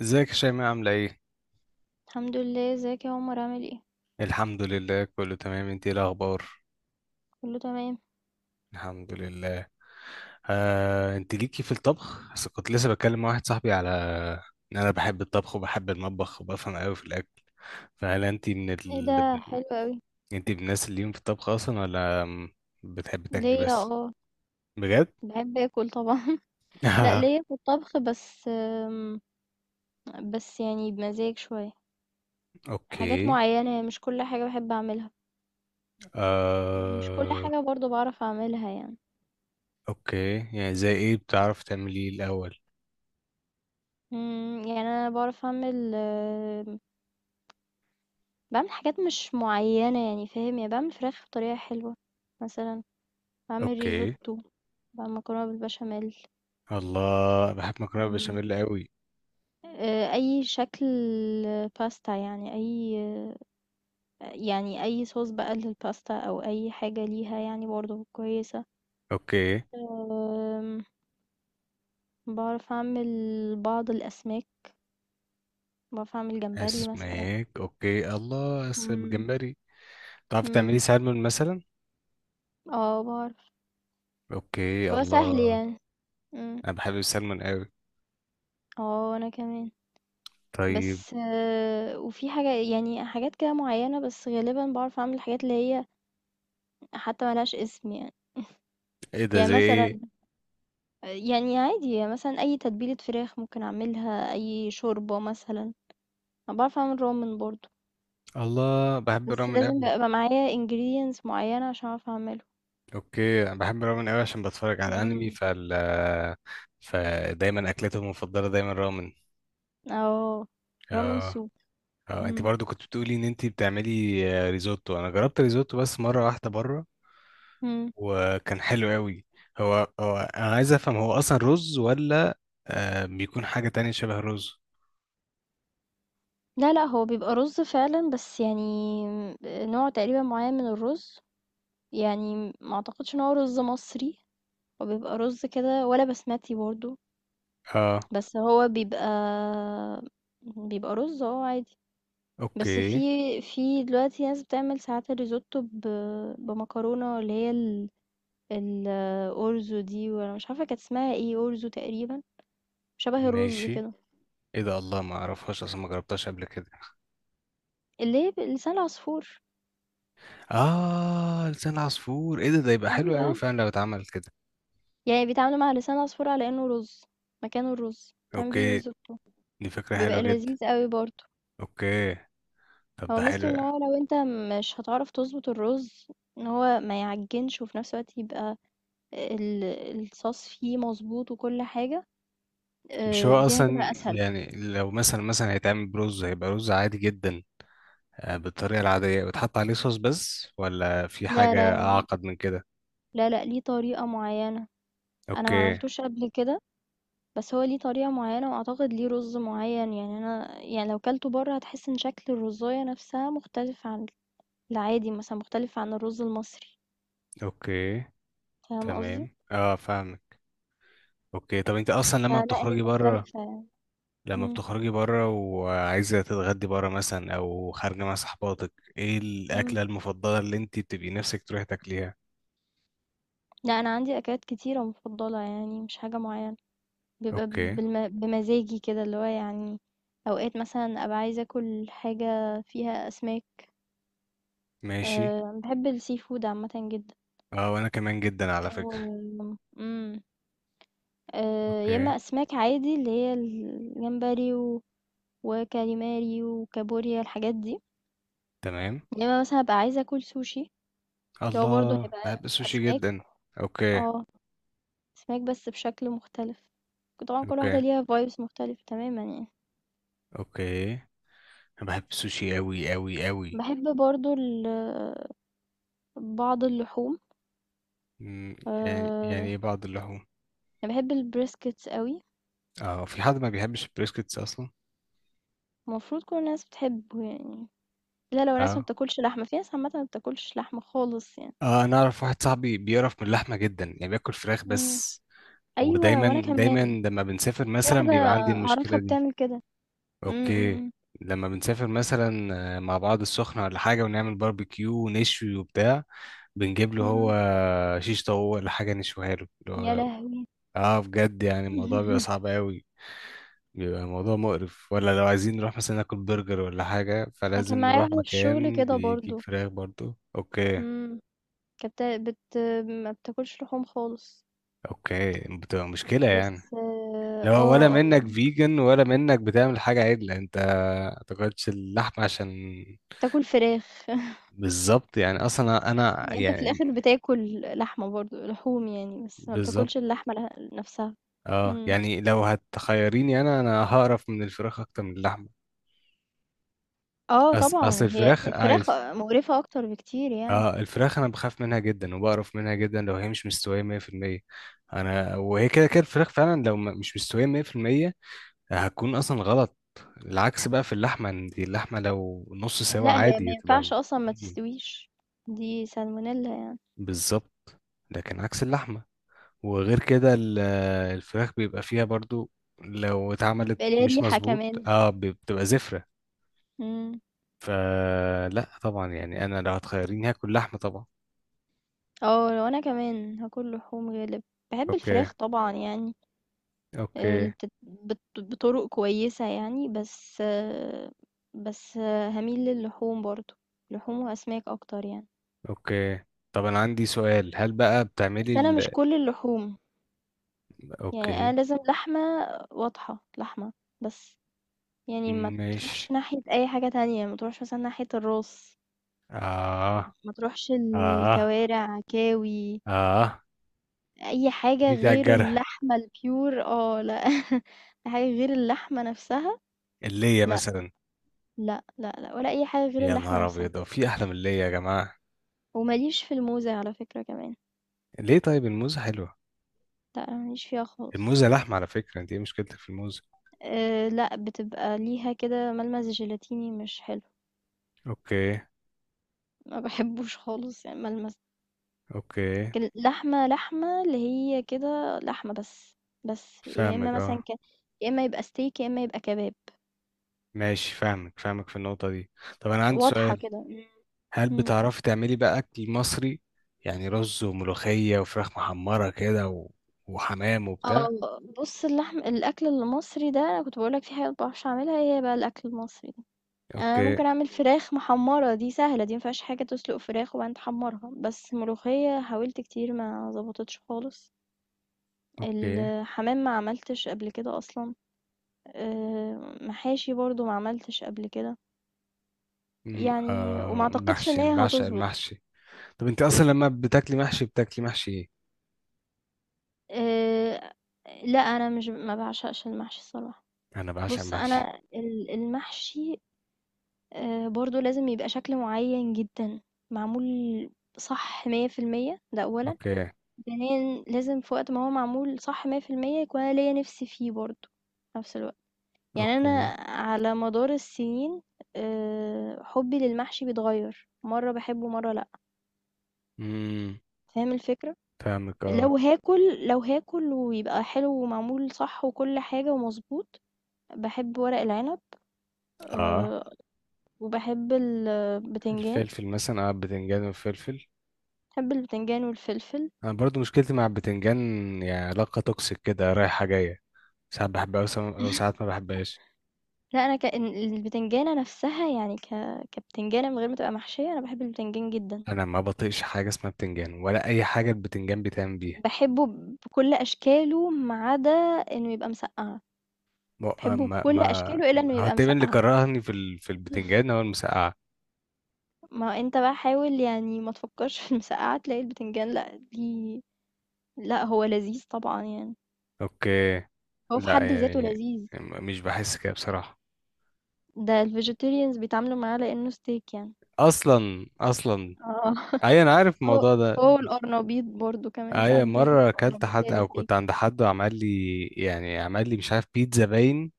ازيك يا شيماء عاملة ايه؟ الحمد لله. ازيك يا عمر؟ عامل ايه؟ الحمد لله، كله تمام، انت ايه الأخبار؟ كله تمام. الحمد لله. انت ليكي في الطبخ؟ بس كنت لسه بتكلم مع واحد صاحبي على ان انا بحب الطبخ وبحب المطبخ وبفهم قوي في الأكل. فهل انت من ايه ال...؟ ده؟ حلو قوي. انت من الناس اللي ليهم في الطبخ أصلا، ولا بتحب تاكلي ليا، بس؟ اه. بجد؟ بحب اكل طبعا. لا، ليا في الطبخ، بس بس يعني بمزاج شوية. حاجات اوكي. معينة، مش كل حاجة بحب اعملها. مش كل آه... حاجة برضو بعرف اعملها يعني. اوكي، يعني زي ايه بتعرف تعملي الأول؟ يعني انا بعرف اعمل، بعمل حاجات مش معينة يعني فاهم. يعني بعمل فراخ بطريقة حلوة مثلا. بعمل اوكي، ريزوتو. بعمل مكرونة بالبشاميل. الله، بحب مكرونة بشاميل قوي. أي شكل باستا، يعني أي صوص بقى للباستا، أو أي حاجة ليها يعني برضه كويسة. اوكي، آمم، باعرف أعمل بعض الأسماك، باعرف أعمل جمبري مثلًا. اسماك، اوكي، الله، اسم إمم. جمبري. تعرف تعملي إمم. سلمون مثلا؟ آه باعرف، اوكي، بس هو سهل الله، يعني. إمم. انا بحب السلمون قوي. آه وأنا كمان. طيب. بس وفي حاجة، يعني حاجات كده معيّنة، بس غالبًا باعرف أعمل الحاجات اللي هي حتى ما لهاش اسم يعني. ايه ده؟ يعني زي مثلًا، ايه؟ يعني عادي مثلًا أي تتبيلة فراخ ممكن أعملها، أي شوربة مثلًا. أنا باعرف أعمل رامن برضه، الله، بحب بس الرامن لازم قوي. يبقى معايا ingredients معيّنة عشان أعرف أعمله. اوكي، انا بحب الرامن قوي عشان بتفرج على انمي، إمم. فدايما اكلته المفضله دايما رامن. آه، رامن اه. soup. اه، انت اهم. برضو كنت بتقولي ان انت بتعملي ريزوتو. انا جربت ريزوتو بس مره واحده بره، إمم. وكان حلو قوي. هو انا عايز افهم، هو اصلا رز، ولا بيكون حاجة تانية شبه الرز؟ لا، لأ، هو بيبقى رز فعلًا، بس يعني نوع تقريبا معيّن من الرز. يعني ما أعتقدش إن هو رز مصري. هو بيبقى رز كده ولا بسمتي برضه، اه، بس هو بيبقى رز عادي. بس في اوكي، في دلوقتي ناس بتعمل ساعات الريزوتو بمكرونة، اللي هي الأورزو دي، وانا مش عارفة كانت اسمها ايه. أورزو تقريبا، شبه الرز ماشي. كده. ايه ده؟ الله، ما اعرفهاش اصلا، ما جربتهاش قبل كده. اللي هي لسان العصفور. اه، لسان عصفور، ايه ده يبقى حلو ايوه. قوي فعلا لو اتعمل كده. يعني بيتعاملوا مع لسان العصفور على انه رز، مكانه الرز، تعمل بيه اوكي، ريزوتو. دي فكرة حلوة بيبقى جدا. لذيذ قوي برضه. اوكي، طب هو ده حلو ميزته ان يعني. هو لو انت مش هتعرف تظبط الرز، ان هو ما يعجنش وفي نفس الوقت يبقى ال... الصوص فيه مظبوط وكل حاجة. مش هو دي اصلا، هتبقى اسهل. يعني، لو مثلا هيتعمل برز هيبقى رز عادي جدا، بالطريقة العادية وتحط عليه صوص بس، ولا في لا، حاجة لا، لا. اعقد من كده؟ لا، لأ، ليه طريقة معينة. أنا ما اوكي، عملتوش قبل كده، بس هو ليه طريقة معينة وأعتقد ليه رز معين. يعني أنا، يعني لو كلته بره هتحس إن شكل الرزاية نفسها مختلف عن العادي، مثلا مختلف عن الرز المصري. اوكي، فاهم قصدي؟ تمام، اه، فاهمك. اوكي، طب انت اصلا لما فلا هي بتخرجي بره، مختلفة يعني. لما امم. بتخرجي بره وعايزة تتغدي بره مثلا أو خارجة مع صحباتك، إيه امم. الأكلة المفضلة اللي أنت بتبقي نفسك تروحي تاكليها؟ لا، أنا عندي أكلات كتيرة مفضلة، يعني مش حاجة معينة. بيبقى أوكي، بمزاجي كده اللي هو يعني. أوقات مثلا أبقى عايزة أكل حاجة فيها أسماك. ماشي. أه بحب السي فود عامة جدا. أه، وأنا كمان جدا على فكرة. و إمم. يا أوكي، إمّا أسماك عادي اللي هي الجمبري و وكاليماري وكابوريا، الحاجات دي. تمام. يا إمّا مثلًا هابقى عايزة آكل سوشي، اللي هو برضه الله، هيبقى بحب السوشي أسماك. جدا. أوكي، آه. أسماك بس بشكل مختلف. طبعًا كل واحدة أوكي، ليها vibes مختلفة تمامًا يعني. أوكي، أنا بحب السوشي أوي أوي أوي. باحب برضه بعض اللحوم. مم، يعني آآ إيه بعض اللحوم؟ أنا باحب الbriskets أوي. أه، في حد ما بيحبش البريسكتس أصلا؟ المفروض كل الناس بتحبه يعني، إلّا لو ناس ما أه. بتاكلش لحمة، في ناس عامةً ما بتاكلش لحمة خالص يعني. آه، أنا أعرف واحد صاحبي بيقرف من اللحمة جدا، يعني بياكل فراخ إمم. بس، أيوه وأنا ودايما دايما كمان. لما بنسافر في مثلا واحدة بيبقى عندي المشكلة أعرفها دي. بتعمل كده. إمم. اوكي، إمم. لما بنسافر مثلا، مع بعض السخنة، ولا حاجة، ونعمل باربيكيو ونشوي وبتاع، بنجيب له إمم. هو إمم. شيش طاووق ولا حاجة نشويها له، يا لهوي! اه، بجد يعني الموضوع بيبقى صعب قوي، بيبقى الموضوع مقرف، ولا لو عايزين نروح مثلا ناكل برجر ولا حاجة أنا فلازم كان معايا نروح واحدة في الشغل مكان كده بيجيب برضه. فراخ برضو. اوكي، إمم. كانت ما بتاكلش لحوم خالص، اوكي، بتبقى مشكلة يعني. بس لو ولا منك فيجن ولا منك بتعمل حاجة عدلة، انت تاكلش اللحمة عشان، بتاكل فراخ. بالظبط. يعني اصلا انا، يعني أنت في يعني، الآخر بتاكل لحمة برضه، لحوم يعني، بس ما بالظبط. بتاكلش اللحمة نفسها. اه، إمم. يعني لو هتخيريني، انا هقرف من الفراخ اكتر من اللحمة. آه اصل طبعًا، هي الفراخ، الفراخ مقرفة أكتر بكتير يعني. آه، الفراخ انا بخاف منها جدا وبقرف منها جدا لو هي مش مستوية 100%. انا وهي كده كده الفراخ فعلا لو مش مستوية 100% هتكون اصلا غلط. العكس بقى في اللحمة، ان دي اللحمة لو نص سوا لأ، هي عادي ما هتبقى، ينفعش أصلًا ما تستويش. دي salmonella. بالظبط، لكن عكس اللحمة. وغير كده الفراخ بيبقى فيها برضو، لو اتعملت بلا مش ريحة مظبوط كمان. بتبقى زفرة. مم. فلا طبعا، يعني انا لو هتخيريني هاكل لحمة طبعا. اه لو انا كمان هاكل لحوم غالب. بحب اوكي، الفراخ طبعا يعني. اوكي، بطرق كويسة يعني، بس هميل للحوم برضو. لحوم واسماك اكتر يعني. اوكي، طب انا عندي سؤال، هل بقى بتعملي بس انا مش ال...؟ كل اللحوم. يعني اوكي، انا لازم لحمة واضحة، لحمة بس. يعني ما ماشي، تروحش ناحية اي حاجة تانية، ما تروحش مثلا ناحية الراس. اه، ما تروحش اه، الكوارع كاوي. اه. أي حاجة جيت على غير الجرح. اللحمة الpure، آه لأ. حاجة غير اللحمة نفسها. اللية لأ، مثلا؟ لأ، لأ، لأ، ولا أي حاجة غير يا اللحمة نهار نفسها. ابيض، هو في احلى من اللية يا جماعة؟ وما ليش في الموزة على فكرة كمان. ليه؟ طيب الموزة حلوة. لأ، أنا ما ليش فيها خالص. الموزة لحمة على فكرة، انت ايه مشكلتك في الموزة؟ لأ، بتبقى ليها كده ملمس جيلاتيني مش حلو. اوكي، ما باحبوش خالص يعني الملمس. اوكي، لكن اللحمة لحمة، اللي هي كده لحمة بس، بس يا إما فاهمك، مثلًا اه. يا إما يبقى steak، يا إما يبقى كباب. ماشي، فاهمك فاهمك في النقطة دي. طب انا عندي واضحة سؤال، كده. إمم. هل إمم. بتعرفي تعملي بقى اكل مصري؟ يعني رز وملوخية وفراخ محمرة كده و... وحمام وبتاع؟ آه، بُص. الأكل المصري ده، أنا كنت باقول لك في حاجات ما باعرفش أعملها، هي بقى الأكل المصري ده. يعني أنا اوكي، ممكن أعمل فراخ محمّرة، دي سهلة، دي ما فيهاش حاجة، تسلُق فراخ وبعدين تحمّرها، بس ملوخية حاولت كتير ما ضبطتش خالص. اوكي، الحمام ما عملتش قبل كده أصلًا. محاشي برضه ما عملتش قبل كده. أم، يعني وما آه أعتقدش محشي، إن انا هي بعشق هتضبط. المحشي. طب انت اصلا لما بتاكلي محشي بتاكلي محشي ايه؟ آآ، لأ، أنا مش ما باعشقش المحشي الصراحة. انا بعشق بُص المحشي. أنا المحشي برضو لازم يبقى شكل معين جدا، معمول صح 100%، ده أولا. اوكي، ثانيا لازم في وقت ما هو معمول صح مية في المية، يكون أنا ليا نفسي فيه برضو في نفس الوقت. يعني أنا اوكي. على مدار السنين، حبي للمحشي بيتغير، مرة بحبه مرة لأ. امم فاهم الفكرة؟ فاهمك، اه، لو هاكل ويبقى حلو ومعمول صح وكل حاجة ومظبوط. بحب ورق العنب، اه، آه، وبحب البتنجان. الفلفل مثلا، بتنجان وفلفل. بحب البتنجان والفلفل. انا برضو مشكلتي مع البتنجان، يعني علاقه توكسيك كده رايحه جايه، ساعات بحبها وساعات ما بحبهاش. لأ، أنا كإن البتنجانة نفسها، يعني كبتنجانة من غير ما تبقى محشية. أنا باحب البتنجان جدًا، انا ما بطيقش حاجه اسمها بتنجان ولا اي حاجه البتنجان بيتعمل بيها. باحبه بكل أشكاله ما عدا إنه يبقى مسقعة. ما باحبه ما بكل ما- أشكاله إلا إنه هو يبقى تقريبا اللي مسقعة. كرهني في البتنجان هو المسقعه. ما أنت بقى حاول، يعني ما تفكّرش في المسقعة تلاقي البتنجان، لأ دي. لأ هو لذيذ طبعًا يعني. اوكي، هو في لا حد ذاته يعني، لذيذ. مش بحس كده بصراحه. ده الvegetarians بيتعاملوا معاه لإنه steak يعني. اصلا اصلا، آه. اي انا عارف هو الموضوع ده. هو والقرنبيط برضه كمان، اي ساعات بيعمل مره اكلت القرنبيط زي حد او الsteak. كنت عند حد وعمل لي، يعني عمل لي، مش عارف، بيتزا باين،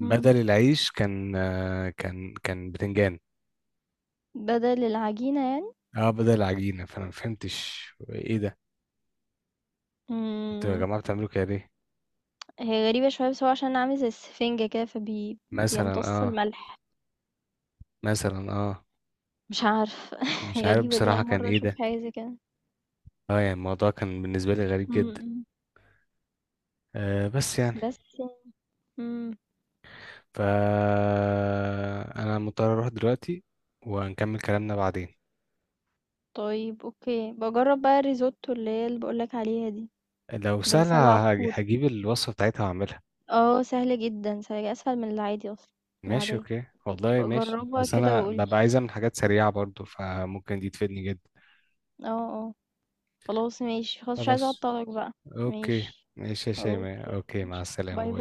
إمم. العيش كان كان بتنجان. بدل العجينة يعني. اه، بدل العجينة، فانا ما فهمتش ايه ده، انتوا يا إمم. جماعة بتعملوا كده ليه؟ هي غريبة شوية، بس هو عشان أنا عامل زي السفنجة كده، فبي مثلا، بيمتص اه، الملح. مثلا، اه، مش عارفة. مش عارف غريبة، دي بصراحة أول كان مرة ايه أشوف ده. حاجة زي كده. اه يعني الموضوع كان بالنسبة لي غريب إمم. جدا. إمم. بس يعني، بس إمم. ف انا مضطر اروح دلوقتي ونكمل كلامنا بعدين. طيب أوكي، باجرّب بقى الريزوتو اللي باقول لك عليها دي، لو بلسان سهلة العصفور. هجيب الوصفة بتاعتها واعملها. آه سهلة جدًا، سهلة أسهل من العادي أصلًا، من ماشي، العادية. اوكي، والله ابقى ماشي، جرّبها بس كده انا وقُل لي. ببقى عايز اعمل حاجات سريعة برضو فممكن دي تفيدني جدا. آه. آه. خلاص ماشي. خلاص مش عايزة خلاص، أعطّلك بقى. اوكي. ماشي. ماشي يا أوكي. شيماء، اوكي، مع ماشي. السلامة، باي باي. باي.